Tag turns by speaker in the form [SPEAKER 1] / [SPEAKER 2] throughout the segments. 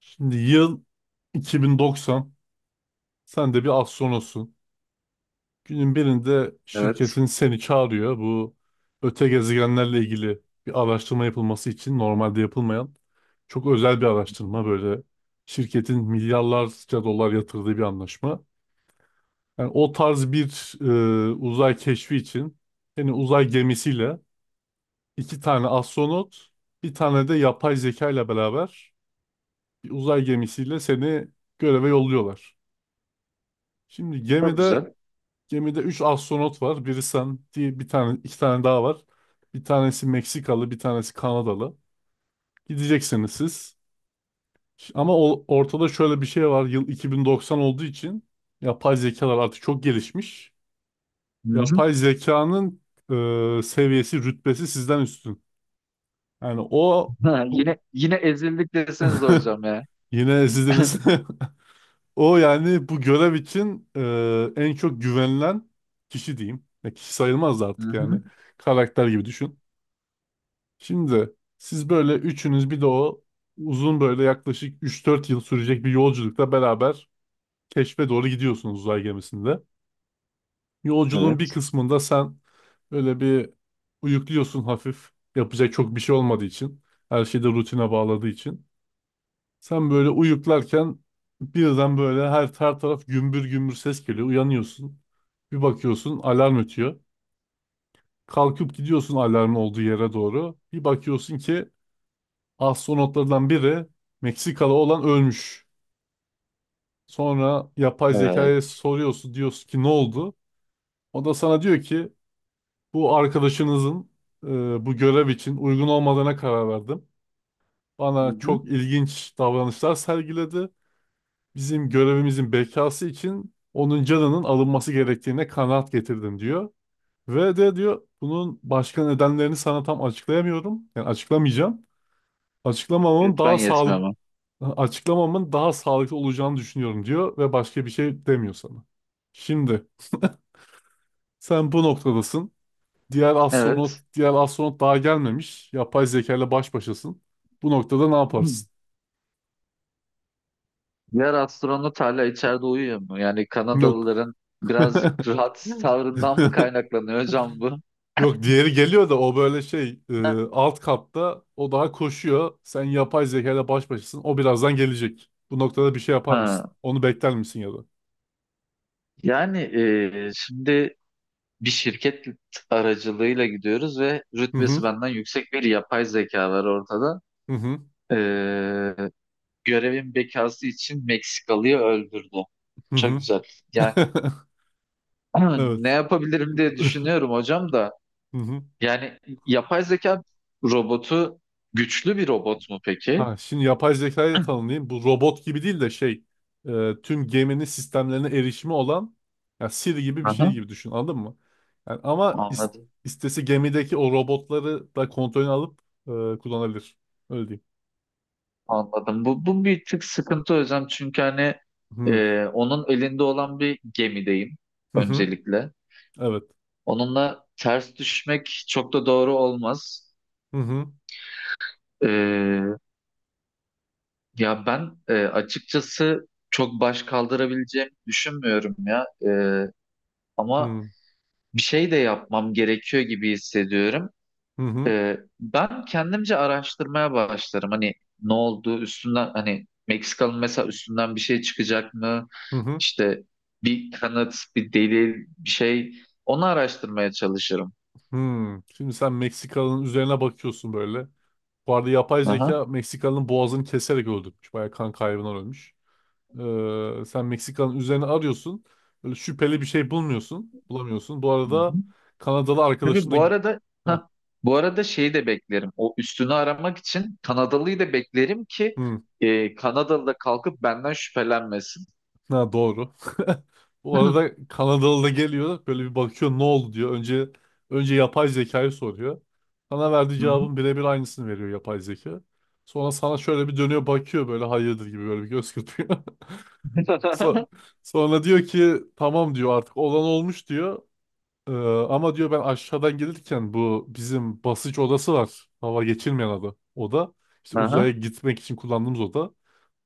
[SPEAKER 1] Şimdi yıl 2090. Sen de bir astronotsun. Günün birinde
[SPEAKER 2] Evet.
[SPEAKER 1] şirketin seni çağırıyor. Bu öte gezegenlerle ilgili bir araştırma yapılması için normalde yapılmayan çok özel bir
[SPEAKER 2] Hı hı.
[SPEAKER 1] araştırma böyle. Şirketin milyarlarca dolar yatırdığı bir anlaşma. Yani o tarz bir uzay keşfi için seni uzay gemisiyle iki tane astronot, bir tane de yapay zeka ile beraber bir uzay gemisiyle seni göreve yolluyorlar. Şimdi
[SPEAKER 2] Çok
[SPEAKER 1] gemide
[SPEAKER 2] güzel.
[SPEAKER 1] Gemide 3 astronot var. Biri sen, diye bir tane, iki tane daha var. Bir tanesi Meksikalı, bir tanesi Kanadalı. Gideceksiniz siz. Ama ortada şöyle bir şey var. Yıl 2090 olduğu için yapay zekalar artık çok gelişmiş.
[SPEAKER 2] Hı hı.
[SPEAKER 1] Yapay zekanın seviyesi, rütbesi sizden üstün. Yani o
[SPEAKER 2] Ha,
[SPEAKER 1] bu-
[SPEAKER 2] yine ezildik deseniz de hocam ya.
[SPEAKER 1] yine ezildiniz. O yani bu görev için en çok güvenilen kişi diyeyim. Ya kişi sayılmaz da
[SPEAKER 2] Hı
[SPEAKER 1] artık yani.
[SPEAKER 2] hı.
[SPEAKER 1] Karakter gibi düşün. Şimdi siz böyle üçünüz bir de o uzun böyle yaklaşık üç dört yıl sürecek bir yolculukla beraber keşfe doğru gidiyorsunuz uzay gemisinde. Yolculuğun bir
[SPEAKER 2] Evet.
[SPEAKER 1] kısmında sen öyle bir uyukluyorsun hafif. Yapacak çok bir şey olmadığı için. Her şeyi de rutine bağladığı için. Sen böyle uyuklarken birden böyle her taraf gümbür gümbür ses geliyor. Uyanıyorsun. Bir bakıyorsun alarm ötüyor. Kalkıp gidiyorsun alarmın olduğu yere doğru. Bir bakıyorsun ki astronotlardan biri Meksikalı olan ölmüş. Sonra yapay zekaya
[SPEAKER 2] Evet.
[SPEAKER 1] soruyorsun diyorsun ki ne oldu? O da sana diyor ki bu arkadaşınızın bu görev için uygun olmadığına karar verdim.
[SPEAKER 2] Hı
[SPEAKER 1] Bana
[SPEAKER 2] hı.
[SPEAKER 1] çok ilginç davranışlar sergiledi. Bizim görevimizin bekası için onun canının alınması gerektiğine kanaat getirdim diyor. Ve de diyor bunun başka nedenlerini sana tam açıklayamıyorum. Yani açıklamayacağım. Açıklamamın
[SPEAKER 2] Lütfen
[SPEAKER 1] daha
[SPEAKER 2] yetmiyor
[SPEAKER 1] sağlıklı
[SPEAKER 2] ama.
[SPEAKER 1] Açıklamamın daha sağlıklı olacağını düşünüyorum diyor ve başka bir şey demiyor sana. Şimdi sen bu noktadasın. Diğer astronot,
[SPEAKER 2] Evet.
[SPEAKER 1] diğer astronot daha gelmemiş. Yapay zeka ile baş başasın. Bu noktada ne
[SPEAKER 2] Hı.
[SPEAKER 1] yaparsın?
[SPEAKER 2] Diğer astronot hala içeride uyuyor mu? Yani
[SPEAKER 1] Yok.
[SPEAKER 2] Kanadalıların birazcık rahat tavrından mı kaynaklanıyor hocam bu?
[SPEAKER 1] Yok diğeri geliyor da o böyle şey
[SPEAKER 2] Ha.
[SPEAKER 1] alt katta o daha koşuyor. Sen yapay zeka ile baş başasın. O birazdan gelecek. Bu noktada bir şey yapar mısın?
[SPEAKER 2] Ha.
[SPEAKER 1] Onu bekler misin ya da?
[SPEAKER 2] Yani şimdi bir şirket aracılığıyla gidiyoruz ve
[SPEAKER 1] Hı
[SPEAKER 2] rütbesi
[SPEAKER 1] hı.
[SPEAKER 2] benden yüksek bir yapay zeka var ortada.
[SPEAKER 1] Hı hı.
[SPEAKER 2] Görevin bekası için Meksikalı'yı öldürdü.
[SPEAKER 1] Hı
[SPEAKER 2] Çok
[SPEAKER 1] hı.
[SPEAKER 2] güzel. Yani ne
[SPEAKER 1] Evet.
[SPEAKER 2] yapabilirim diye düşünüyorum hocam da.
[SPEAKER 1] Hı hı.
[SPEAKER 2] Yani yapay zeka robotu güçlü bir robot mu peki?
[SPEAKER 1] Ha, şimdi yapay zekayı da tanımlayayım. Bu robot gibi değil de şey tüm geminin sistemlerine erişimi olan ya Siri gibi bir şey
[SPEAKER 2] Aha,
[SPEAKER 1] gibi düşün anladın mı? Yani ama
[SPEAKER 2] anladım.
[SPEAKER 1] istese gemideki o robotları da kontrolünü alıp kullanabilir. Öyle diyeyim.
[SPEAKER 2] Anladım. Bu bir tık sıkıntı hocam. Çünkü hani
[SPEAKER 1] Hı
[SPEAKER 2] onun elinde olan bir gemideyim
[SPEAKER 1] hı hı.
[SPEAKER 2] öncelikle.
[SPEAKER 1] Evet.
[SPEAKER 2] Onunla ters düşmek çok da doğru olmaz.
[SPEAKER 1] Hı hı
[SPEAKER 2] E, Ya ben açıkçası çok baş kaldırabileceğimi düşünmüyorum ya. Ama
[SPEAKER 1] hı
[SPEAKER 2] bir şey de yapmam gerekiyor gibi hissediyorum.
[SPEAKER 1] hı hı hı.
[SPEAKER 2] Ben kendimce araştırmaya başlarım. Hani ne oldu üstünden hani Meksikalı mesela üstünden bir şey çıkacak mı?
[SPEAKER 1] Hı.
[SPEAKER 2] İşte bir kanıt, bir delil, bir şey onu araştırmaya çalışırım.
[SPEAKER 1] Şimdi sen Meksikalı'nın üzerine bakıyorsun böyle. Bu arada yapay
[SPEAKER 2] Aha.
[SPEAKER 1] zeka Meksikalı'nın boğazını keserek öldürmüş. Bayağı kan kaybından ölmüş. Sen Meksika'nın üzerine arıyorsun. Böyle şüpheli bir şey bulmuyorsun. Bulamıyorsun. Bu arada Kanadalı arkadaşın
[SPEAKER 2] Tabii
[SPEAKER 1] da...
[SPEAKER 2] bu arada
[SPEAKER 1] Ha,
[SPEAKER 2] ha bu arada şeyi de beklerim. O üstünü aramak için Kanadalıyı da beklerim ki
[SPEAKER 1] hı,
[SPEAKER 2] Kanadalı da kalkıp benden şüphelenmesin.
[SPEAKER 1] ha, doğru. Bu
[SPEAKER 2] Hı
[SPEAKER 1] arada Kanadalı da geliyor. Böyle bir bakıyor ne oldu diyor. Önce yapay zekayı soruyor. Sana verdiği cevabın
[SPEAKER 2] hı.
[SPEAKER 1] birebir aynısını veriyor yapay zeka. Sonra sana şöyle bir dönüyor bakıyor böyle hayırdır gibi böyle bir göz kırpıyor. So- Sonra diyor ki tamam diyor artık olan olmuş diyor. Ee, ama diyor ben aşağıdan gelirken bu bizim basınç odası var. Hava geçirmeyen adı Oda. İşte uzaya
[SPEAKER 2] Aha,
[SPEAKER 1] gitmek için kullandığımız oda.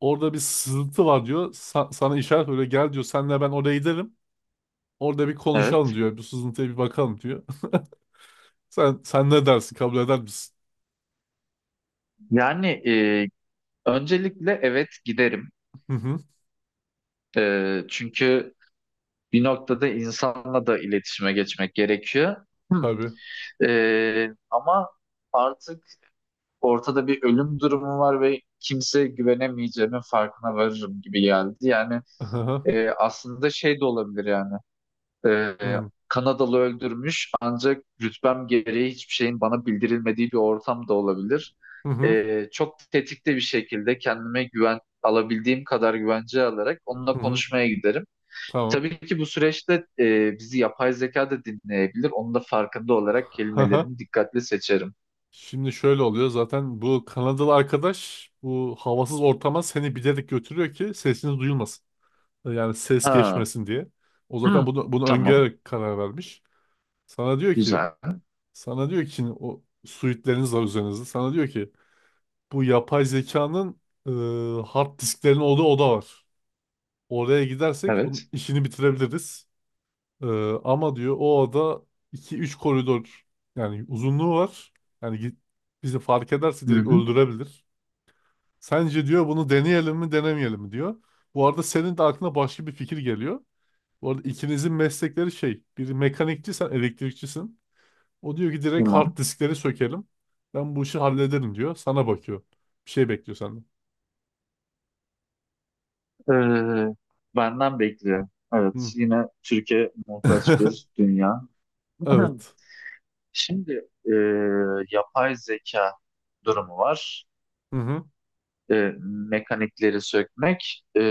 [SPEAKER 1] Orada bir sızıntı var diyor. Sana işaret öyle gel diyor. Senle ben oraya gidelim. Orada bir konuşalım
[SPEAKER 2] evet.
[SPEAKER 1] diyor. Bu sızıntıya bir bakalım diyor. Sen ne dersin? Kabul eder misin?
[SPEAKER 2] Yani öncelikle evet giderim.
[SPEAKER 1] Hı hı.
[SPEAKER 2] Çünkü bir noktada insanla da iletişime geçmek gerekiyor. Hı.
[SPEAKER 1] Tabii.
[SPEAKER 2] Ama artık ortada bir ölüm durumu var ve kimse güvenemeyeceğimin farkına varırım gibi geldi. Yani
[SPEAKER 1] Hı hı.
[SPEAKER 2] Aslında şey de olabilir yani. E, Kanadalı öldürmüş ancak rütbem gereği hiçbir şeyin bana bildirilmediği bir ortam da olabilir.
[SPEAKER 1] Hı hı.
[SPEAKER 2] Çok tetikte bir şekilde kendime güven alabildiğim kadar güvence alarak onunla
[SPEAKER 1] Hı.
[SPEAKER 2] konuşmaya giderim.
[SPEAKER 1] Tamam.
[SPEAKER 2] Tabii ki bu süreçte bizi yapay zeka da dinleyebilir. Onun da farkında olarak
[SPEAKER 1] Hı.
[SPEAKER 2] kelimelerimi dikkatli seçerim.
[SPEAKER 1] Şimdi şöyle oluyor. Zaten bu Kanadalı arkadaş bu havasız ortama seni bilerek götürüyor ki sesiniz duyulmasın. Yani ses
[SPEAKER 2] Ha.
[SPEAKER 1] geçmesin diye. O zaten
[SPEAKER 2] Hı.
[SPEAKER 1] bunu
[SPEAKER 2] Tamam.
[SPEAKER 1] öngörerek karar vermiş. Sana diyor ki,
[SPEAKER 2] Güzel.
[SPEAKER 1] sana diyor ki, o suitleriniz var üzerinizde. Sana diyor ki bu yapay zekanın hard disklerin olduğu oda var. Oraya gidersek bunun
[SPEAKER 2] Evet.
[SPEAKER 1] işini bitirebiliriz. E, ama diyor o oda iki üç koridor yani uzunluğu var. Yani bizi fark ederse
[SPEAKER 2] Hı
[SPEAKER 1] direkt
[SPEAKER 2] hı.
[SPEAKER 1] öldürebilir. Sence diyor bunu deneyelim mi denemeyelim mi diyor. Bu arada senin de aklına başka bir fikir geliyor. Bu arada ikinizin meslekleri şey. Biri mekanikçi sen elektrikçisin. O diyor ki direkt hard
[SPEAKER 2] Tamam.
[SPEAKER 1] diskleri sökelim. Ben bu işi hallederim diyor. Sana bakıyor. Bir şey bekliyor senden.
[SPEAKER 2] Ee, benden bekliyor.
[SPEAKER 1] Hı.
[SPEAKER 2] Evet, yine Türkiye muhtaç bir dünya.
[SPEAKER 1] Evet.
[SPEAKER 2] Şimdi e, yapay zeka durumu var.
[SPEAKER 1] Hı hı.
[SPEAKER 2] E, mekanikleri sökmek.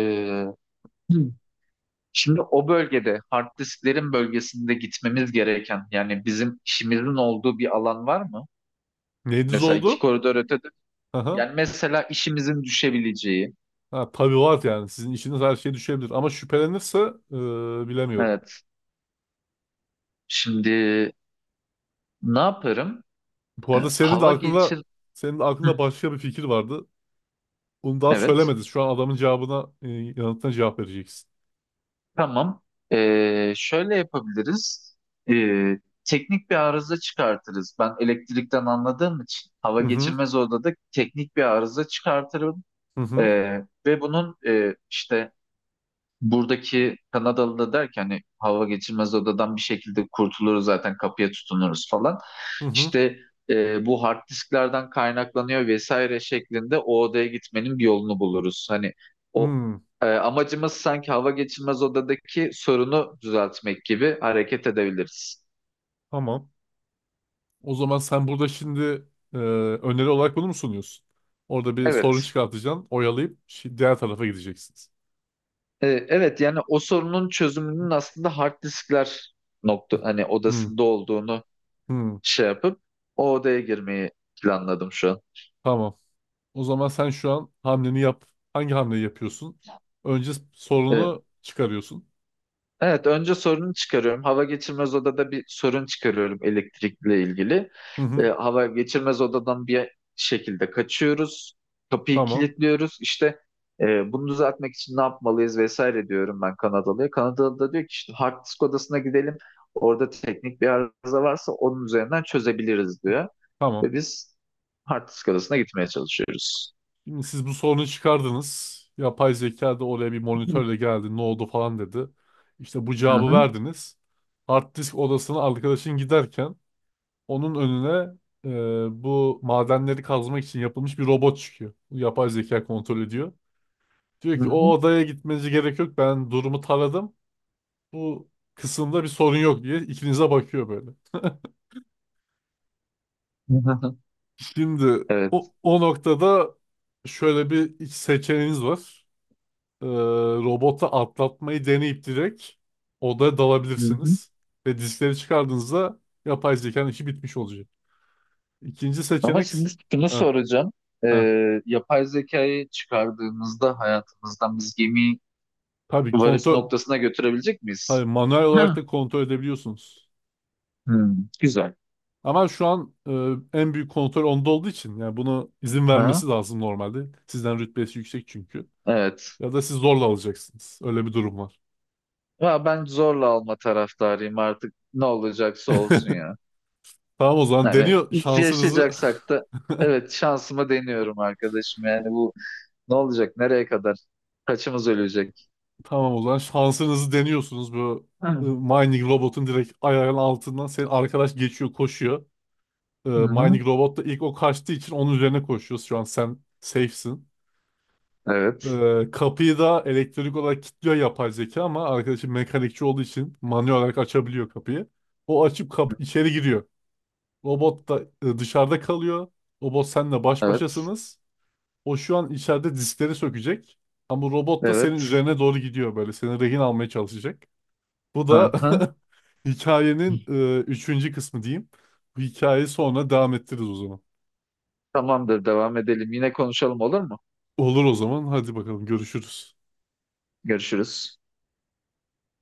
[SPEAKER 2] Şimdi o bölgede, hard disklerin bölgesinde gitmemiz gereken, yani bizim işimizin olduğu bir alan var mı?
[SPEAKER 1] Neyiniz
[SPEAKER 2] Mesela iki
[SPEAKER 1] oldu?
[SPEAKER 2] koridor ötede.
[SPEAKER 1] Aha.
[SPEAKER 2] Yani mesela işimizin düşebileceği.
[SPEAKER 1] Ha, tabii var yani. Sizin işiniz her şeye düşebilir. Ama şüphelenirse bilemiyorum.
[SPEAKER 2] Evet. Şimdi ne yaparım?
[SPEAKER 1] Bu arada
[SPEAKER 2] Hava geçir.
[SPEAKER 1] senin de
[SPEAKER 2] Hı,
[SPEAKER 1] aklında başka bir fikir vardı. Onu daha
[SPEAKER 2] Evet.
[SPEAKER 1] söylemediniz. Şu an adamın cevabına yanıtına cevap vereceksin.
[SPEAKER 2] Tamam. Şöyle yapabiliriz. Ee, teknik bir arıza çıkartırız. Ben elektrikten anladığım için hava
[SPEAKER 1] Hı hı.
[SPEAKER 2] geçirmez odada teknik bir arıza çıkartırım.
[SPEAKER 1] Hı hı.
[SPEAKER 2] Ve bunun işte buradaki Kanadalı da der ki hani hava geçirmez odadan bir şekilde kurtuluruz zaten kapıya tutunuruz falan.
[SPEAKER 1] Hı hı.
[SPEAKER 2] İşte bu hard disklerden kaynaklanıyor vesaire şeklinde o odaya gitmenin bir yolunu buluruz. Hani o
[SPEAKER 1] Hı.
[SPEAKER 2] amacımız sanki hava geçirmez odadaki sorunu düzeltmek gibi hareket edebiliriz.
[SPEAKER 1] Tamam. O zaman sen burada şimdi öneri olarak bunu mu sunuyorsun? Orada bir sorun
[SPEAKER 2] Evet.
[SPEAKER 1] çıkartacaksın, oyalayıp diğer tarafa gideceksiniz.
[SPEAKER 2] Evet yani o sorunun çözümünün aslında hard diskler nokta hani
[SPEAKER 1] Hmm,
[SPEAKER 2] odasında olduğunu
[SPEAKER 1] hmm,
[SPEAKER 2] şey yapıp o odaya girmeyi planladım şu an.
[SPEAKER 1] tamam. O zaman sen şu an hamleni yap. Hangi hamleyi yapıyorsun? Önce
[SPEAKER 2] E,
[SPEAKER 1] sorunu çıkarıyorsun.
[SPEAKER 2] Evet, önce sorunu çıkarıyorum. Hava geçirmez odada bir sorun çıkarıyorum elektrikle ilgili.
[SPEAKER 1] Hı hı,
[SPEAKER 2] Hava geçirmez odadan bir şekilde kaçıyoruz. Kapıyı
[SPEAKER 1] tamam,
[SPEAKER 2] kilitliyoruz. İşte bunu düzeltmek için ne yapmalıyız vesaire diyorum ben Kanadalı'ya. Kanadalı da diyor ki işte hard disk odasına gidelim. Orada teknik bir arıza varsa onun üzerinden çözebiliriz diyor.
[SPEAKER 1] tamam.
[SPEAKER 2] Ve biz hard disk odasına gitmeye çalışıyoruz.
[SPEAKER 1] Şimdi siz bu sorunu çıkardınız. Yapay zeka da oraya bir
[SPEAKER 2] Hı
[SPEAKER 1] monitörle geldi. Ne oldu falan dedi. İşte bu cevabı
[SPEAKER 2] hı.
[SPEAKER 1] verdiniz. Hard disk odasına arkadaşın giderken onun önüne bu madenleri kazmak için yapılmış bir robot çıkıyor. Bu yapay zeka kontrol ediyor. Diyor
[SPEAKER 2] Hı
[SPEAKER 1] ki o
[SPEAKER 2] hı.
[SPEAKER 1] odaya gitmenize gerek yok. Ben durumu taradım. Bu kısımda bir sorun yok diye ikinize bakıyor böyle.
[SPEAKER 2] Hı hı.
[SPEAKER 1] Şimdi
[SPEAKER 2] Evet.
[SPEAKER 1] o noktada şöyle bir iç seçeneğiniz var. E, robota atlatmayı deneyip direkt odaya dalabilirsiniz. Ve diskleri çıkardığınızda yapay zekanın işi bitmiş olacak. İkinci
[SPEAKER 2] Ama
[SPEAKER 1] seçenek...
[SPEAKER 2] şimdi şunu
[SPEAKER 1] Heh,
[SPEAKER 2] soracağım.
[SPEAKER 1] heh.
[SPEAKER 2] Yapay zekayı çıkardığımızda hayatımızdan biz gemi
[SPEAKER 1] Tabii
[SPEAKER 2] varış
[SPEAKER 1] kontrol.
[SPEAKER 2] noktasına götürebilecek
[SPEAKER 1] Tabii
[SPEAKER 2] miyiz?
[SPEAKER 1] manuel olarak
[SPEAKER 2] Ha.
[SPEAKER 1] da kontrol edebiliyorsunuz.
[SPEAKER 2] Hmm, güzel.
[SPEAKER 1] Ama şu an en büyük kontrol onda olduğu için yani bunu izin vermesi
[SPEAKER 2] Ha,
[SPEAKER 1] lazım normalde. Sizden rütbesi yüksek çünkü.
[SPEAKER 2] evet.
[SPEAKER 1] Ya da siz zorla alacaksınız. Öyle bir durum var.
[SPEAKER 2] Ya ben zorla alma taraftarıyım artık. Ne olacaksa olsun ya.
[SPEAKER 1] Tamam o zaman
[SPEAKER 2] Yani
[SPEAKER 1] deniyor şansınızı.
[SPEAKER 2] yaşayacaksak da evet şansımı deniyorum arkadaşım. Yani bu ne olacak? Nereye kadar? Kaçımız ölecek?
[SPEAKER 1] Tamam o zaman şansınızı deniyorsunuz bu
[SPEAKER 2] Hı
[SPEAKER 1] mining robotun direkt ayağının altından senin arkadaş geçiyor koşuyor.
[SPEAKER 2] hı.
[SPEAKER 1] Mining robot da ilk o kaçtığı için onun üzerine koşuyoruz. Şu an sen safe'sin.
[SPEAKER 2] Evet.
[SPEAKER 1] Kapıyı da elektrik olarak kilitliyor yapay zeka ama arkadaşım mekanikçi olduğu için manuel olarak açabiliyor kapıyı. O açıp içeri giriyor. Robot da dışarıda kalıyor. Robot senle baş
[SPEAKER 2] Evet.
[SPEAKER 1] başasınız. O şu an içeride diskleri sökecek. Ama robot da senin
[SPEAKER 2] Evet.
[SPEAKER 1] üzerine doğru gidiyor böyle. Seni rehin almaya çalışacak. Bu da
[SPEAKER 2] Hı hı.
[SPEAKER 1] hikayenin üçüncü kısmı diyeyim. Bu hikayeyi sonra devam ettiririz o zaman.
[SPEAKER 2] Tamamdır, devam edelim. Yine konuşalım olur mu?
[SPEAKER 1] Olur o zaman. Hadi bakalım görüşürüz.
[SPEAKER 2] Görüşürüz.